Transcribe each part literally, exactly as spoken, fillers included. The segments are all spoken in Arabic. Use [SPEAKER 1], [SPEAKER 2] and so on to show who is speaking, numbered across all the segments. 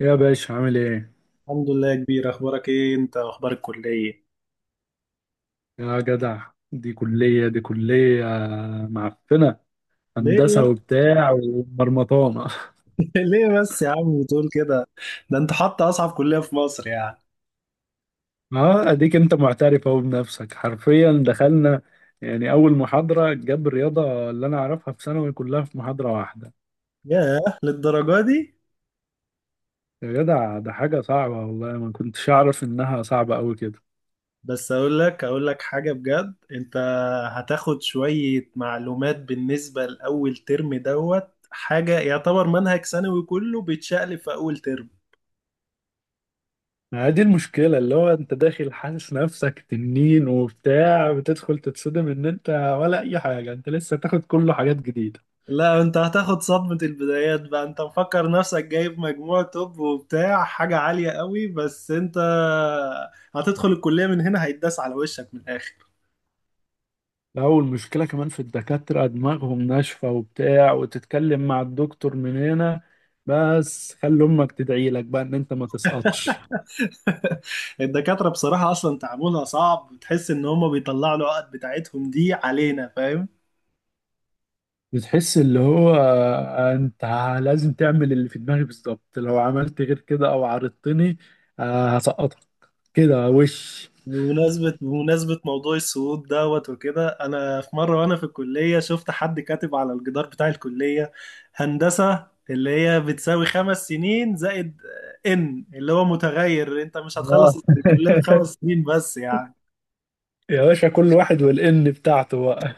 [SPEAKER 1] يا باشا عامل ايه؟
[SPEAKER 2] الحمد لله يا كبير، اخبارك ايه؟ انت اخبار الكليه؟
[SPEAKER 1] يا جدع دي كلية دي كلية معفنة.
[SPEAKER 2] ليه يا-
[SPEAKER 1] هندسة وبتاع ومرمطانة
[SPEAKER 2] ليه بس يا عم بتقول كده؟ ده انت حاطط اصعب كليه في مصر يعني.
[SPEAKER 1] اه، اديك انت معترف اهو بنفسك. حرفيا دخلنا يعني اول محاضرة جاب الرياضة اللي انا اعرفها في ثانوي كلها في محاضرة واحدة.
[SPEAKER 2] ياه، للدرجه دي؟
[SPEAKER 1] يا جدع، ده حاجة صعبة، والله ما كنتش اعرف انها صعبة قوي كده.
[SPEAKER 2] بس اقول لك اقول لك حاجه بجد. انت هتاخد شويه معلومات بالنسبه لاول ترم دوت حاجه، يعتبر منهج ثانوي كله بيتشقلب في اول ترم.
[SPEAKER 1] ما هي دي المشكلة، اللي هو انت داخل حاسس نفسك تنين وبتاع، بتدخل تتصدم ان انت ولا اي حاجة، انت لسه تاخد كله حاجات جديدة.
[SPEAKER 2] لا انت هتاخد صدمة البدايات بقى. انت مفكر نفسك جايب مجموع توب وبتاع حاجة عالية قوي، بس انت هتدخل الكلية من هنا، هيتداس على وشك من الآخر.
[SPEAKER 1] لا، والمشكلة كمان في الدكاترة، دماغهم ناشفة وبتاع، وتتكلم مع الدكتور من هنا. بس خلي أمك تدعي لك بقى إن أنت ما تسقطش.
[SPEAKER 2] الدكاترة بصراحة أصلا تعاملها صعب، تحس إن هما بيطلعوا العقد بتاعتهم دي علينا، فاهم؟
[SPEAKER 1] بتحس اللي هو أنت لازم تعمل اللي في دماغي بالظبط، لو عملت غير كده أو عارضتني، آه، هسقطك كده وش.
[SPEAKER 2] بمناسبة بمناسبة موضوع الصعود دوت وكده، أنا في مرة وأنا في الكلية شفت حد كاتب على الجدار بتاع الكلية: هندسة اللي هي بتساوي خمس سنين زائد، إن اللي هو متغير، أنت مش
[SPEAKER 1] آه.
[SPEAKER 2] هتخلص الكلية في خمس سنين بس يعني.
[SPEAKER 1] يا باشا، كل واحد والإن بتاعته بقى.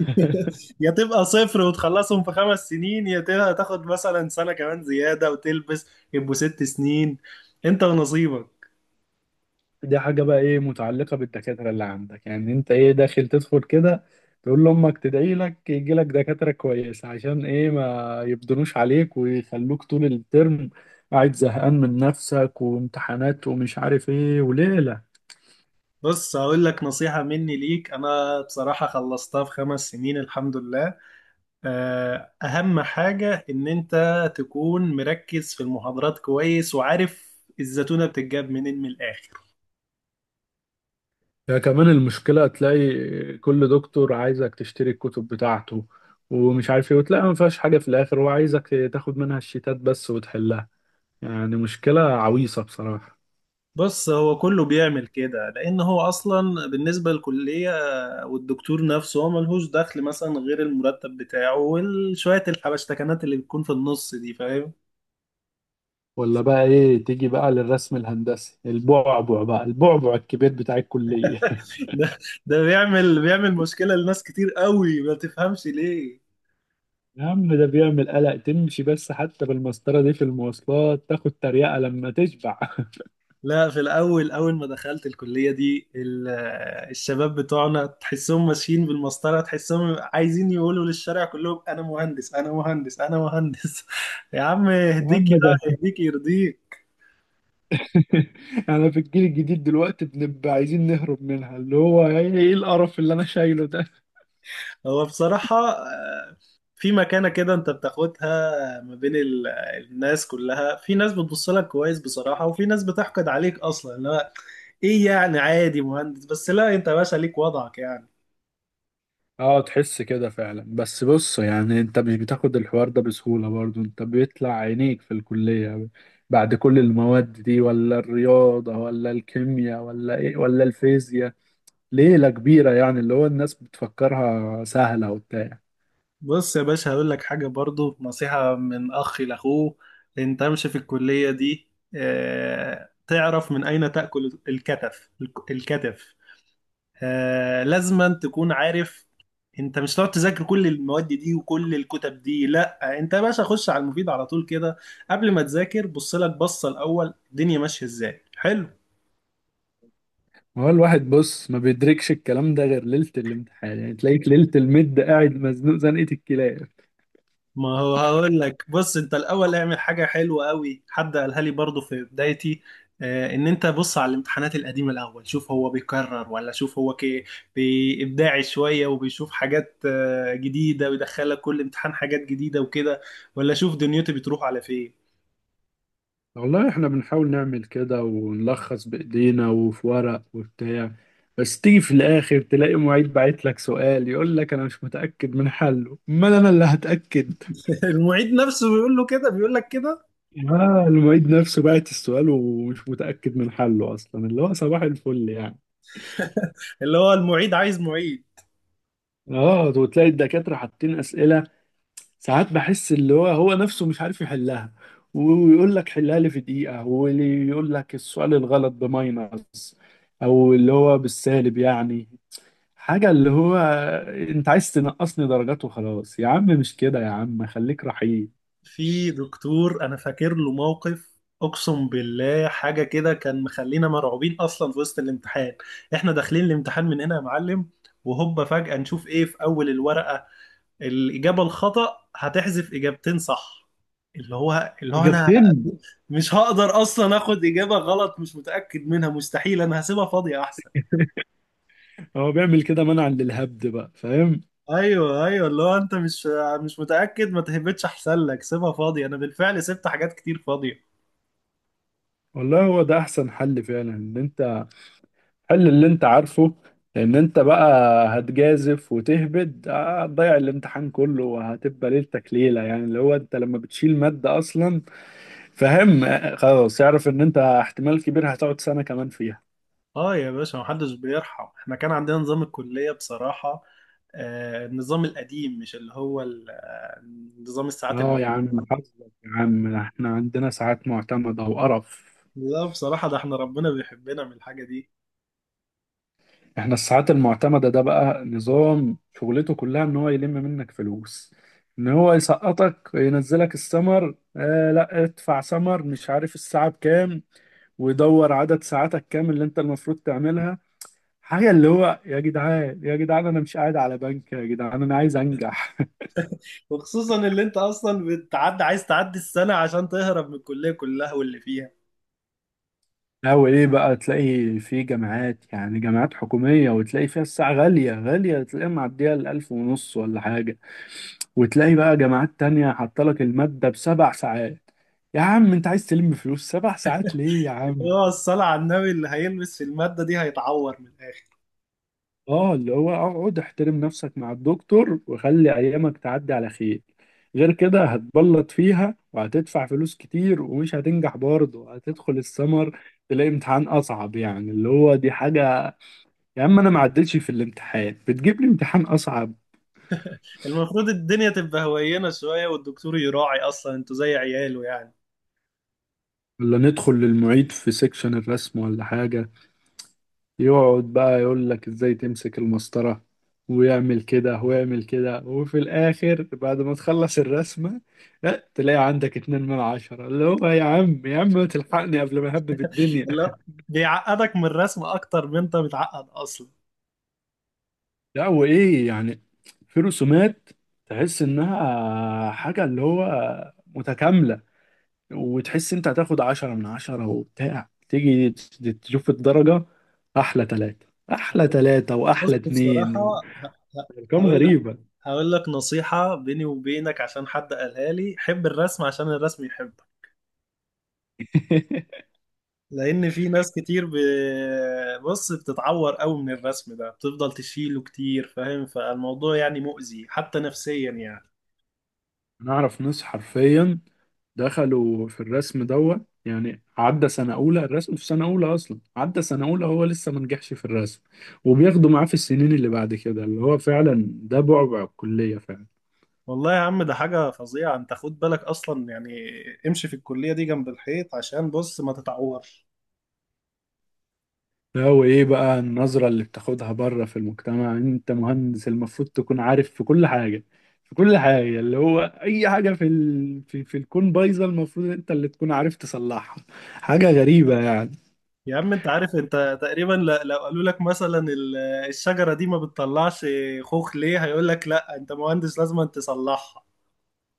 [SPEAKER 2] يا تبقى صفر وتخلصهم في خمس سنين، يا تبقى تاخد مثلا سنة كمان زيادة وتلبس، يبقوا ست سنين. أنت ونصيبك.
[SPEAKER 1] دي حاجة بقى ايه متعلقة بالدكاترة اللي عندك، يعني انت ايه داخل تدخل كده؟ تقول لأمك تدعي لك يجي لك دكاترة كويسة، عشان ايه ما يبدنوش عليك ويخلوك طول الترم قاعد زهقان من نفسك وامتحانات ومش عارف ايه وليلة.
[SPEAKER 2] بص هقول لك نصيحة مني ليك، أنا بصراحة خلصتها في خمس سنين الحمد لله. آه، أهم حاجة إن أنت تكون مركز في المحاضرات كويس، وعارف الزتونة بتتجاب منين من الآخر.
[SPEAKER 1] ده كمان المشكلة، تلاقي كل دكتور عايزك تشتري الكتب بتاعته ومش عارف ايه، وتلاقي ما فيهاش حاجة في الآخر، هو عايزك تاخد منها الشيتات بس وتحلها. يعني مشكلة عويصة بصراحة.
[SPEAKER 2] بص هو كله بيعمل كده لأن هو أصلا بالنسبة للكلية والدكتور نفسه، هو ملهوش دخل مثلا غير المرتب بتاعه وشوية الحبشتكنات اللي بتكون في النص دي، فاهم؟
[SPEAKER 1] ولا بقى ايه، تيجي بقى للرسم الهندسي، البعبع بقى، البعبع الكبير بتاع الكلية.
[SPEAKER 2] ده ده بيعمل بيعمل مشكلة لناس كتير قوي، ما تفهمش ليه.
[SPEAKER 1] يا عم، ده بيعمل قلق، تمشي بس حتى بالمسطرة دي في المواصلات تاخد تريقة لما تشبع
[SPEAKER 2] لا في الأول، أول ما دخلت الكلية دي ال- آه، الشباب بتوعنا تحسهم ماشيين بالمسطرة، تحسهم عايزين يقولوا للشارع كلهم أنا مهندس أنا مهندس أنا مهندس. يا عم
[SPEAKER 1] يا عم
[SPEAKER 2] يهديك، يا
[SPEAKER 1] ده
[SPEAKER 2] يهديك يرضيك.
[SPEAKER 1] انا في الجيل الجديد دلوقتي بنبقى عايزين نهرب منها. اللي هو ايه، إيه القرف اللي انا شايله ده؟
[SPEAKER 2] هو بصراحة آه، في مكانة كده أنت بتاخدها ما بين ال- آه، الناس كلها. في ناس بتبص لك كويس بصراحة، وفي ناس بتحقد عليك أصلا. لا إيه يعني؟ عادي مهندس بس. لا أنت يا باشا ليك وضعك يعني.
[SPEAKER 1] اه، تحس كده فعلا. بس بص، يعني انت مش بتاخد الحوار ده بسهولة برضو، انت بيطلع عينيك في الكلية بعد كل المواد دي، ولا الرياضة ولا الكيمياء ولا ايه ولا الفيزياء، ليلة كبيرة يعني، اللي هو الناس بتفكرها سهلة وبتاع.
[SPEAKER 2] بص يا باشا، هقول لك حاجة برضو نصيحة من أخ لأخوه. أنت امشي في الكلية دي آه، تعرف من أين تأكل الكتف. الكتف. آه، لازما تكون عارف. أنت مش هتقعد تذاكر كل المواد دي وكل الكتب دي، لا أنت يا باشا خش على المفيد على طول كده. قبل ما تذاكر، بص لك بصة الأول الدنيا ماشية إزاي، حلو.
[SPEAKER 1] ما هو الواحد بص ما بيدركش الكلام ده غير ليلة الامتحان، يعني تلاقيك ليلة المد قاعد مزنوق زنقة الكلاب.
[SPEAKER 2] ما هو هقول لك، بص انت الاول اعمل حاجه حلوه قوي، حد قالها لي برضو في بدايتي آه، ان انت بص على الامتحانات القديمه الاول، شوف هو بيكرر ولا شوف هو كي بابداعي شويه وبيشوف حاجات آه، جديده، ويدخلك كل امتحان حاجات جديده وكده، ولا شوف دنيتي بتروح على فين.
[SPEAKER 1] والله احنا بنحاول نعمل كده ونلخص بايدينا وفي ورق وبتاع، بس تيجي في الاخر تلاقي معيد باعت لك سؤال يقول لك انا مش متاكد من حله، امال انا اللي هتاكد؟
[SPEAKER 2] المعيد نفسه بيقول له كده، بيقول لك كده.
[SPEAKER 1] اه، المعيد نفسه باعت السؤال ومش متاكد من حله اصلا، اللي هو صباح الفل يعني.
[SPEAKER 2] اللي هو المعيد عايز معيد.
[SPEAKER 1] اه، وتلاقي الدكاتره حاطين اسئله ساعات بحس اللي هو هو نفسه مش عارف يحلها، ويقول لك حلها لي في دقيقه. واللي يقول لك السؤال الغلط بماينس، او اللي هو بالسالب يعني. حاجة اللي هو انت عايز تنقصني درجات وخلاص؟ يا عم مش كده، يا عم خليك رحيم.
[SPEAKER 2] في دكتور انا فاكر له موقف، اقسم بالله حاجه كده كان مخلينا مرعوبين اصلا في وسط الامتحان. احنا داخلين الامتحان من هنا يا معلم، وهوبا فجاه نشوف ايه في اول الورقه: الاجابه الخطا هتحذف اجابتين صح. اللي هو اللي هو انا
[SPEAKER 1] اجابتين.
[SPEAKER 2] مش هقدر اصلا اخد اجابه غلط مش متاكد منها، مستحيل، انا هسيبها فاضيه احسن.
[SPEAKER 1] هو بيعمل كده منعا للهبد بقى، فاهم.
[SPEAKER 2] ايوه ايوه، اللي هو انت مش مش متاكد، ما تهبطش احسن لك، سيبها فاضيه، انا بالفعل سبت حاجات كتير فاضيه.
[SPEAKER 1] والله هو ده احسن حل فعلا، ان انت حل اللي انت عارفه. لان انت بقى هتجازف وتهبد، آه، هتضيع الامتحان كله وهتبقى ليلتك ليلة. يعني اللي هو انت لما بتشيل مادة اصلا، فاهم، آه، خلاص اعرف ان انت احتمال كبير هتقعد سنة كمان فيها.
[SPEAKER 2] اه يا باشا، محدش بيرحم. احنا كان عندنا نظام الكلية بصراحة، آه النظام القديم، مش اللي هو ال- آه، نظام الساعات
[SPEAKER 1] اه
[SPEAKER 2] المعروف.
[SPEAKER 1] يا عم حظك، يا عم احنا عندنا ساعات معتمدة وقرف.
[SPEAKER 2] لا بصراحة، ده احنا ربنا بيحبنا من الحاجة دي.
[SPEAKER 1] احنا الساعات المعتمدة ده بقى نظام شغلته كلها ان هو يلم منك فلوس، ان هو يسقطك ينزلك السمر، آه، لا ادفع سمر، مش عارف الساعة بكام، ويدور عدد ساعاتك كام اللي انت المفروض تعملها. حاجة اللي هو يا جدعان، يا جدعان، انا مش قاعد على بنك يا جدعان، انا عايز انجح.
[SPEAKER 2] وخصوصا اللي انت اصلا بتعدي، عايز تعدي السنة عشان تهرب من الكلية كلها واللي فيها.
[SPEAKER 1] أو إيه بقى، تلاقي في جامعات يعني جامعات حكومية، وتلاقي فيها الساعة غالية غالية، تلاقيها معدية الألف ونص ولا حاجة. وتلاقي بقى جامعات تانية حاطلك المادة بسبع ساعات. يا عم أنت عايز تلم فلوس سبع ساعات ليه يا
[SPEAKER 2] اللي
[SPEAKER 1] عم؟
[SPEAKER 2] هو الصلاة على النبي، اللي هيلبس في المادة دي هيتعور من الآخر.
[SPEAKER 1] آه، اللي هو اقعد احترم نفسك مع الدكتور وخلي أيامك تعدي على خير. غير كده هتبلط فيها، وهتدفع فلوس كتير ومش هتنجح برضه، هتدخل السمر تلاقي امتحان أصعب. يعني اللي هو دي حاجة، يا عم انا ما عدتش في الامتحان بتجيب لي امتحان اصعب.
[SPEAKER 2] المفروض الدنيا تبقى هوينة شوية، والدكتور يراعي أصلا انتوا زي عياله يعني.
[SPEAKER 1] ولا ندخل للمعيد في سيكشن الرسم ولا حاجة، يقعد بقى يقول لك ازاي تمسك المسطرة، ويعمل كده ويعمل كده، وفي الاخر بعد ما تخلص الرسمة لا تلاقي عندك اتنين من عشرة. اللي هو يا عم، يا عم ما تلحقني قبل ما اهبب الدنيا.
[SPEAKER 2] لا، بيعقدك من الرسم أكتر من انت متعقد أصلا.
[SPEAKER 1] لا، وايه يعني، في رسومات تحس انها حاجة اللي هو متكاملة، وتحس انت هتاخد عشرة من عشرة وبتاع، تيجي ت- تشوف الدرجة احلى تلاتة، احلى تلاتة
[SPEAKER 2] بص
[SPEAKER 1] واحلى اتنين
[SPEAKER 2] بصراحة،
[SPEAKER 1] و-
[SPEAKER 2] ه- ه-
[SPEAKER 1] ارقام
[SPEAKER 2] هقول لك
[SPEAKER 1] غريبة.
[SPEAKER 2] هقول لك نصيحة بيني وبينك. عشان حد قالها لي: حب الرسم عشان الرسم يحبك. لأن في ناس كتير ب... بص بتتعور قوي من الرسم ده، بتفضل تشيله كتير، فاهم؟ فالموضوع يعني مؤذي حتى نفسيا يعني.
[SPEAKER 1] انا اعرف ناس حرفيا دخلوا في الرسم دوت، يعني عدى سنة أولى، الرسم في سنة أولى أصلا، عدى سنة أولى هو لسه ما نجحش في الرسم، وبياخدوا معاه في السنين اللي بعد كده، اللي هو فعلا ده بعبع الكلية فعلا.
[SPEAKER 2] والله يا عم ده حاجة فظيعة. انت خد بالك أصلا يعني، امشي في الكلية دي جنب الحيط عشان بص ما تتعور.
[SPEAKER 1] لا، وايه بقى النظرة اللي بتاخدها بره في المجتمع، انت مهندس المفروض تكون عارف في كل حاجة، في كل حاجة، اللي هو اي حاجة في ال... في, في الكون بايظة، المفروض انت اللي تكون عارف تصلحها. حاجة غريبة يعني.
[SPEAKER 2] يا عم انت عارف انت تقريبا ل- لو قالوا لك مثلا ال- الشجرة دي ما بتطلعش خوخ ليه، هيقول لك لا انت مهندس لازم انت تصلحها.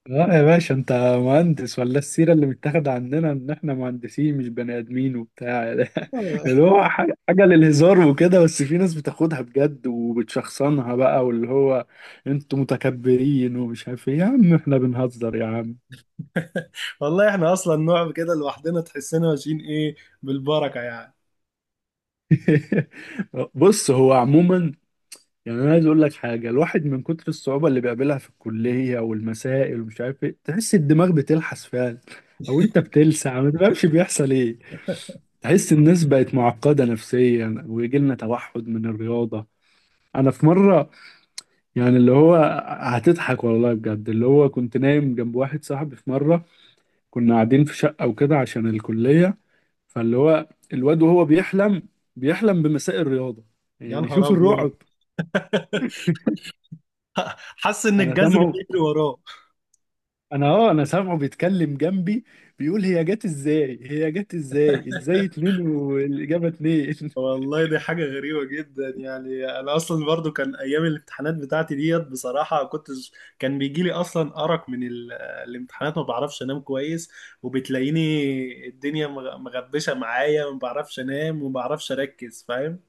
[SPEAKER 1] اه يا باشا، انت مهندس ولا السيرة اللي متاخدة عندنا ان احنا مهندسين مش بني ادمين وبتاع اللي هو حاجة حاجة للهزار وكده، بس في ناس بتاخدها بجد وبتشخصنها بقى، واللي هو انتوا متكبرين ومش عارف ايه. يا عم احنا بنهزر يا عم.
[SPEAKER 2] والله احنا اصلا نوع كده لوحدنا، تحسنا ماشيين ايه، بالبركة يعني.
[SPEAKER 1] بص هو عموما يعني، انا عايز اقول لك حاجه، الواحد من كتر الصعوبه اللي بيقابلها في الكليه والمسائل ومش عارف ايه، تحس الدماغ بتلحس فعلا، او انت بتلسع ما تفهمش بيحصل ايه. تحس الناس بقت معقده نفسيا، ويجي لنا توحد من الرياضه. انا في مره، يعني اللي هو، هتضحك والله بجد، اللي هو كنت نايم جنب واحد صاحبي في مره، كنا قاعدين في شقه وكده عشان الكليه، فاللي هو الواد وهو بيحلم بيحلم بمساء الرياضه،
[SPEAKER 2] يا
[SPEAKER 1] يعني
[SPEAKER 2] نهار
[SPEAKER 1] شوف
[SPEAKER 2] ابيض.
[SPEAKER 1] الرعب.
[SPEAKER 2] حاسس ان
[SPEAKER 1] انا
[SPEAKER 2] الجذر
[SPEAKER 1] سامعه،
[SPEAKER 2] بيجري وراه.
[SPEAKER 1] انا اه انا سامعه بيتكلم جنبي، بيقول هي جت ازاي، هي جت ازاي، ازاي اتنين والاجابه اتنين
[SPEAKER 2] والله دي حاجة غريبة جدا يعني. أنا أصلا برضو كان أيام الامتحانات بتاعتي ديت بصراحة كنت، كان بيجيلي أصلا أرق من ال... الامتحانات، ما بعرفش أنام كويس، وبتلاقيني الدنيا مغ- مغبشة معايا، ما بعرفش أنام وما بعرفش أركز، فاهم؟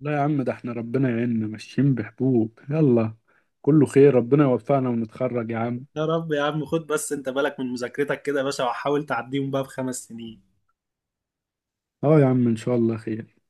[SPEAKER 1] لا يا عم، ده احنا ربنا يعيننا ماشيين بحبوب يلا، كله خير، ربنا يوفقنا ونتخرج يا عم.
[SPEAKER 2] يا رب يا عم. خد بس أنت بالك من مذاكرتك كده يا باشا، وحاول تعديهم بقى بخمس سنين.
[SPEAKER 1] اه يا عم، ان شاء الله خير.